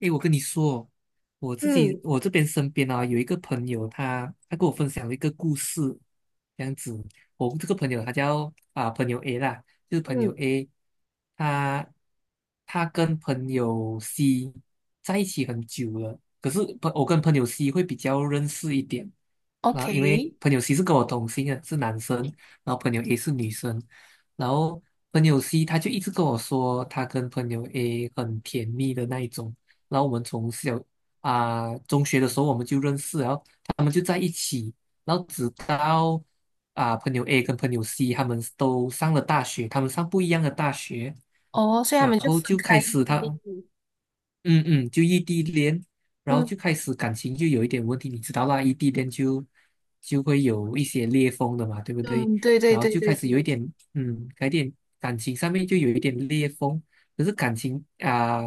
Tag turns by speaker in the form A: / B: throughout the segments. A: 诶，我跟你说，我自己
B: 嗯
A: 我这边身边有一个朋友他跟我分享了一个故事，这样子。我这个朋友他叫朋友 A 啦，就是朋友
B: 嗯
A: A，他他跟朋友 C 在一起很久了，可是我跟朋友 C 会比较认识一点啊，因为
B: ？OK，
A: 朋友 C 是跟我同姓的，是男生，然后朋友 A 是女生，然后朋友 C 他就一直跟我说他跟朋友 A 很甜蜜的那一种。然后我们从小中学的时候我们就认识了，然后他们就在一起，然后直到朋友 A 跟朋友 C 他们都上了大学，他们上不一样的大学，
B: 哦，所以他
A: 然
B: 们就
A: 后
B: 分
A: 就
B: 开
A: 开
B: 一
A: 始
B: 地点
A: 他
B: 点。
A: 嗯嗯，就异地恋，然后
B: 嗯
A: 就开始感情就有一点问题，你知道啦，异地恋会有一些裂缝的嘛，对不对？
B: 嗯，对对
A: 然后
B: 对
A: 就
B: 对
A: 开始有一
B: 对，
A: 点，有一点感情上面就有一点裂缝。可是感情啊，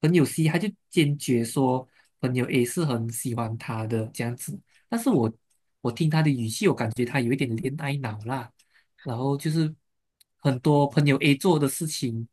A: 朋友 C 他就坚决说朋友 A 是很喜欢他的这样子，但是我听他的语气，我感觉他有一点恋爱脑啦，然后就是很多朋友 A 做的事情。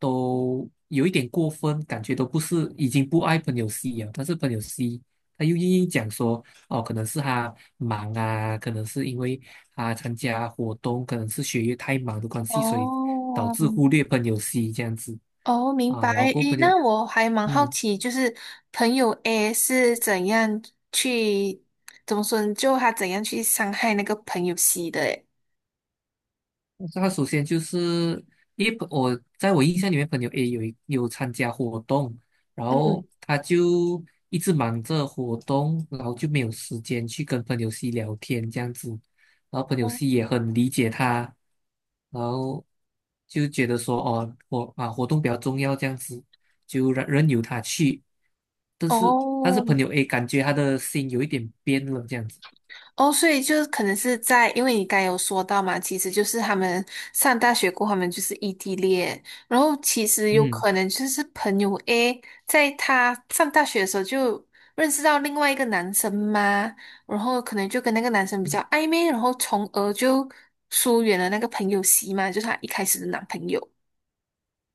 A: 都有一点过分，感觉都不是，已经不爱朋友 C 了，但是朋友 C 他又硬硬讲说，哦，可能是他忙啊，可能是因为他参加活动，可能是学业太忙的关系，所以导
B: 哦，
A: 致忽略朋友 C 这样子。
B: 哦，明白。
A: 然后过后
B: 诶，
A: 朋友，
B: 那我还蛮好
A: 嗯。
B: 奇，就是朋友 A 是怎样去，怎么说呢？就他怎样去伤害那个朋友 C 的？诶，
A: 他首先就是，因为我印象里面，朋友 A 有参加活动，然后
B: 嗯
A: 他就一直忙着活动，然后就没有时间去跟朋友 C 聊天这样子，然后朋友
B: 哦，
A: C 也很理解他，然后就觉得说哦，活动比较重要这样子，就让任由他去，但是
B: 哦，
A: 朋友 A 感觉他的心有一点变了这样子，
B: 哦，所以就是可能是在，因为你刚才有说到嘛，其实就是他们上大学过后，他们就是异地恋，然后其实有
A: 嗯。
B: 可能就是朋友 A 在他上大学的时候就认识到另外一个男生嘛，然后可能就跟那个男生比较暧昧，然后从而就疏远了那个朋友 C 嘛，就是他一开始的男朋友。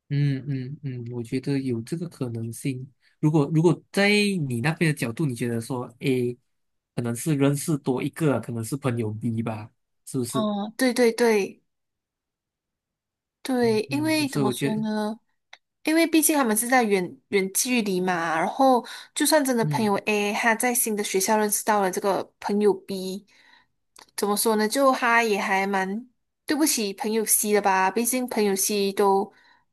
A: 嗯嗯嗯，我觉得有这个可能性。如果在你那边的角度，你觉得说 A 可能是认识多一个，可能是朋友 B 吧，是不是？
B: 哦，对对对。对，
A: 嗯
B: 因
A: 嗯，
B: 为怎
A: 所以
B: 么
A: 我觉
B: 说
A: 得，
B: 呢？因为毕竟他们是在远远距离嘛，然后就算真的朋
A: 嗯。
B: 友 A 他在新的学校认识到了这个朋友 B，怎么说呢？就他也还蛮对不起朋友 C 的吧，毕竟朋友 C 都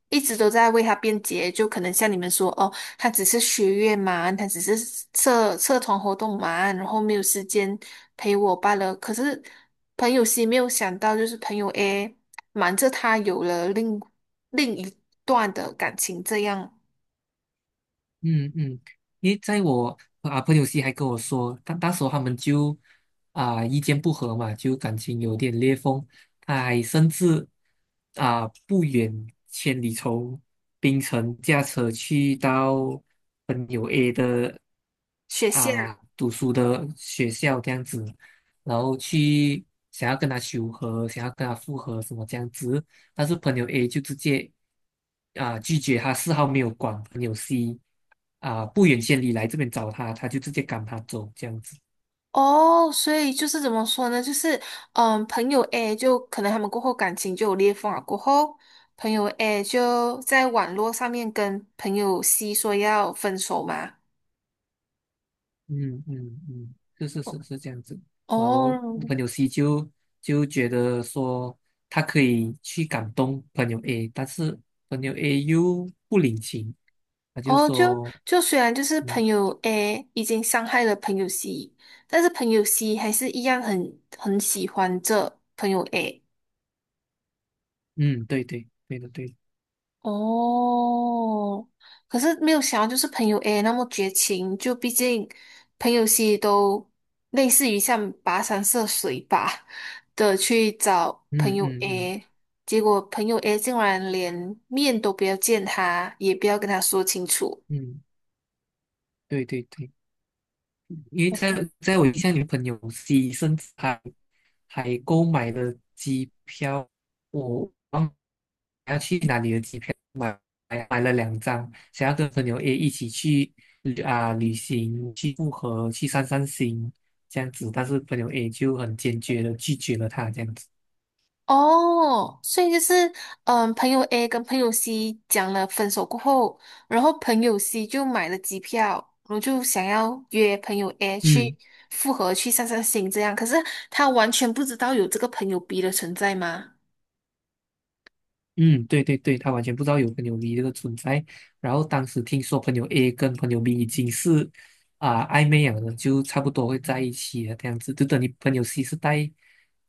B: 一直都在为他辩解，就可能像你们说哦，他只是学业嘛，他只是社社团活动嘛，然后没有时间陪我罢了。可是朋友 C 没有想到，就是朋友 A，瞒着他有了另一段的感情，这样。
A: 嗯嗯，因为在我朋友系还跟我说，他那时候他们就意见不合嘛，就感情有点裂缝，他还甚至不远千里从槟城驾车去到朋友 A 的
B: 雪线啊。
A: 读书的学校这样子，然后去想要跟他求和，想要跟他复合什么这样子，但是朋友 A 就直接拒绝他，丝毫没有管朋友 C 不远千里来这边找他，他就直接赶他走这样子。
B: 哦，所以就是怎么说呢？就是朋友 A 就可能他们过后感情就有裂缝了，过后朋友 A 就在网络上面跟朋友 C 说要分手嘛。
A: 嗯嗯嗯，是是是是这样子。然后
B: 哦
A: 朋友 C 就觉得说他可以去感动朋友 A，但是朋友 A 又不领情，他就
B: 哦，就
A: 说，
B: 就虽然就是
A: 嗯
B: 朋友 A 已经伤害了朋友 C，但是朋友 C 还是一样很喜欢这朋友 A。
A: 嗯，对对对的对的，
B: 哦，可是没有想到，就是朋友 A 那么绝情，就毕竟朋友 C 都类似于像跋山涉水吧的去找朋
A: 嗯
B: 友
A: 嗯嗯
B: A，结果朋友 A 竟然连面都不要见他，也不要跟他说清楚。
A: 嗯，对对对。因为在我印象里，朋友 C 甚至还购买了机票，我忘了要去哪里的机票，买了两张，想要跟朋友 A 一起去旅行，去复合，去散散心这样子，但是朋友 A 就很坚决的拒绝了他这样子，
B: 哦，所以就是，嗯，朋友 A 跟朋友 C 讲了分手过后，然后朋友 C 就买了机票，然后就想要约朋友 A 去
A: 嗯。
B: 复合去散散心这样，可是他完全不知道有这个朋友 B 的存在吗？
A: 嗯，对对对，他完全不知道有朋友 B 这个存在。然后当时听说朋友 A 跟朋友 B 已经是暧昧了的，就差不多会在一起了这样子。就等你朋友 C 是带，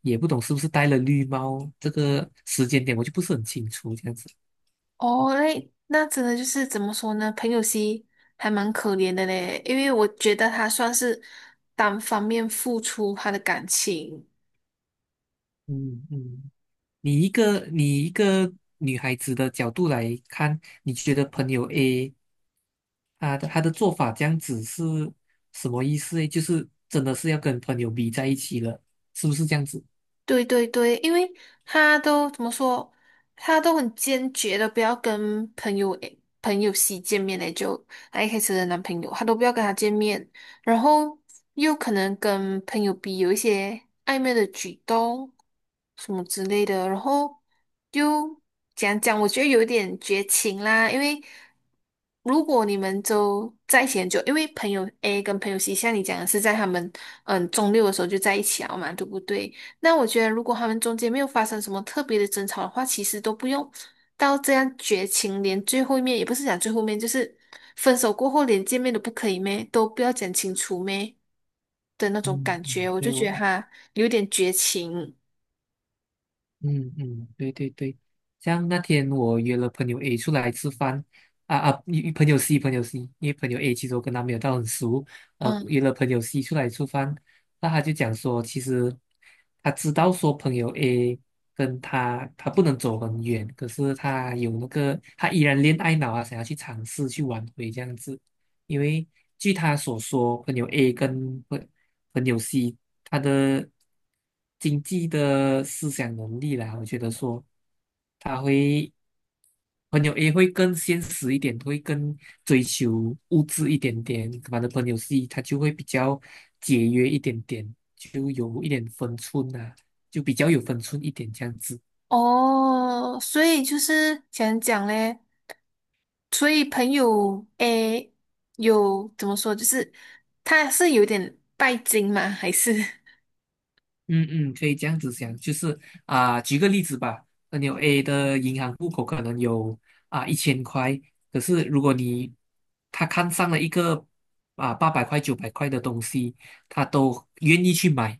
A: 也不懂是不是带了绿帽，这个时间点我就不是很清楚这样子。
B: 哦，那真的就是怎么说呢？朋友 C 还蛮可怜的嘞，因为我觉得他算是单方面付出他的感情，
A: 嗯嗯，你一个女孩子的角度来看，你觉得朋友 A 他的做法这样子是什么意思诶？就是真的是要跟朋友 B 在一起了，是不是这样子？
B: 对对对，因为他都怎么说，他都很坚决的不要跟朋友 C 见面嘞，就他一开始的男朋友，他都不要跟他见面，然后又可能跟朋友 B 有一些暧昧的举动什么之类的，然后就讲讲，我觉得有一点绝情啦，因为如果你们都在一起很久，因为朋友 A 跟朋友 C，像你讲的是在他们中六的时候就在一起了嘛，对不对？那我觉得，如果他们中间没有发生什么特别的争吵的话，其实都不用到这样绝情，连最后一面也不是讲最后面，就是分手过后连见面都不可以咩，都不要讲清楚咩的那种
A: 嗯
B: 感觉，
A: 嗯，
B: 我就
A: 对
B: 觉
A: 我，
B: 得他有点绝情。
A: 嗯嗯，对对对，像那天我约了朋友 A 出来吃饭，啊啊，一一朋友 C 朋友 C，因为朋友 A 其实我跟他没有到很熟，
B: 嗯，
A: 约了朋友 C 出来吃饭，那他就讲说，其实他知道说朋友 A 跟他不能走很远，可是他有那个他依然恋爱脑啊，想要去尝试去挽回这样子，因为据他所说，朋友 A 朋友 C 他的经济的思想能力啦，我觉得说他会朋友 A 会更现实一点，会更追求物质一点点，反正朋友 C 他就会比较节约一点点，就有一点分寸啊，就比较有分寸一点这样子。
B: 哦，所以就是想讲嘞，所以朋友 A 有怎么说，就是他是有点拜金吗？还是？
A: 嗯嗯，可以这样子想，就是举个例子吧，朋友 A 的银行户口可能有一千块，可是如果你他看上了一个800块、900块的东西，他都愿意去买，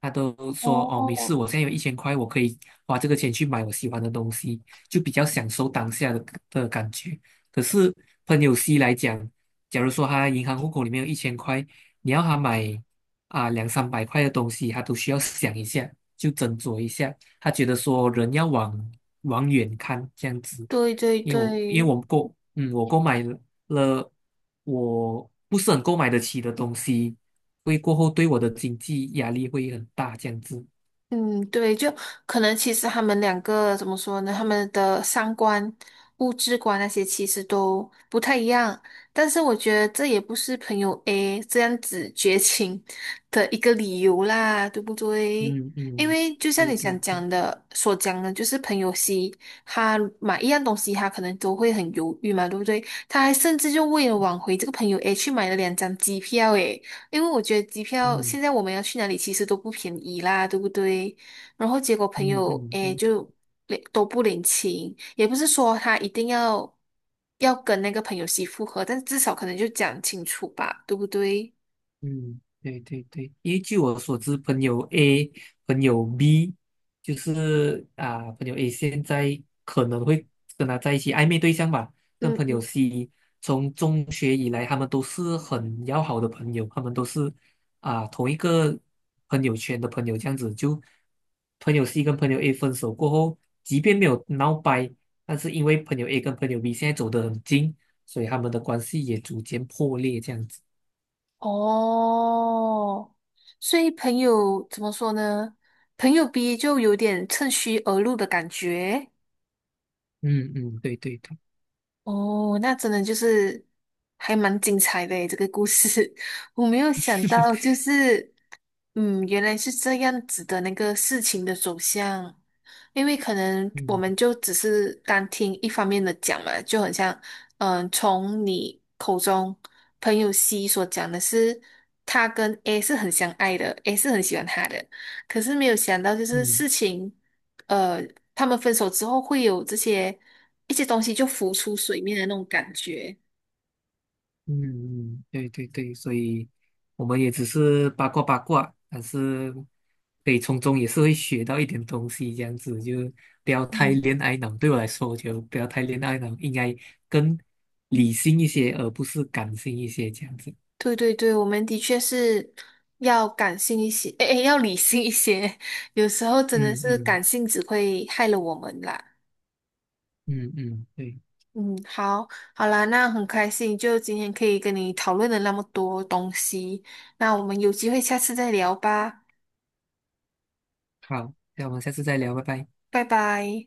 A: 他都说哦没事，
B: 哦，
A: 我现在有一千块，我可以花这个钱去买我喜欢的东西，就比较享受当下的感觉。可是朋友 C 来讲，假如说他银行户口里面有一千块，你要他买2、300块的东西，他都需要想一下，就斟酌一下。他觉得说人要往远看这样子，
B: 对对
A: 因为
B: 对，
A: 我购买了我不是很购买得起的东西，会过后对我的经济压力会很大这样子。
B: 嗯，对，就可能其实他们两个怎么说呢？他们的三观、物质观那些其实都不太一样，但是我觉得这也不是朋友 A 这样子绝情的一个理由啦，对不对？
A: 嗯
B: 因
A: 嗯，
B: 为就像
A: 对
B: 你
A: 对
B: 想
A: 对，
B: 讲的所讲的，就是朋友 C 他买一样东西，他可能都会很犹豫嘛，对不对？他还甚至就为了挽回这个朋友 A 去买了2张机票，诶。因为我觉得机票
A: 嗯
B: 现在我们要去哪里其实都不便宜啦，对不对？然后结果朋
A: 嗯
B: 友诶
A: 嗯，
B: 就领都不领情，也不是说他一定要跟那个朋友媳复合，但至少可能就讲清楚吧，对不对？
A: 嗯，对对对，因为据我所知，朋友 A、朋友 B，就是啊，朋友 A 现在可能会跟他在一起暧昧对象吧，跟
B: 嗯
A: 朋友
B: 嗯，
A: C，从中学以来，他们都是很要好的朋友，他们都是啊同一个朋友圈的朋友，这样子就朋友 C 跟朋友 A 分手过后，即便没有闹掰，但是因为朋友 A 跟朋友 B 现在走得很近，所以他们的关系也逐渐破裂，这样子。
B: 哦，所以朋友怎么说呢？朋友 B 就有点趁虚而入的感觉。
A: 嗯嗯，对对对，
B: 哦，那真的就是还蛮精彩的诶，这个故事 我没有想到，就是。嗯，原来是这样子的那个事情的走向，因为可能我们
A: 嗯
B: 就只是单听一方面的讲嘛，就很像，从你口中朋友 C 所讲的是，他跟 A 是很相爱的，A 是很喜欢他的，可是没有想到就是事
A: 嗯
B: 情，呃，他们分手之后会有这些一些东西就浮出水面的那种感觉。
A: 嗯嗯，对对对，所以我们也只是八卦八卦，但是可以从中也是会学到一点东西，这样子就不要太
B: 嗯
A: 恋爱脑。对我来说，我觉得不要太恋爱脑，应该更理性一些，而不是感性一些，这样子。
B: 对对对，我们的确是要感性一些，诶，诶要理性一些。有时候真的
A: 嗯
B: 是
A: 嗯
B: 感性只会害了我们啦。
A: 嗯嗯，对，
B: 嗯，好，好啦，那很开心，就今天可以跟你讨论了那么多东西。那我们有机会下次再聊吧，
A: 好，那我们下次再聊，拜拜。
B: 拜拜。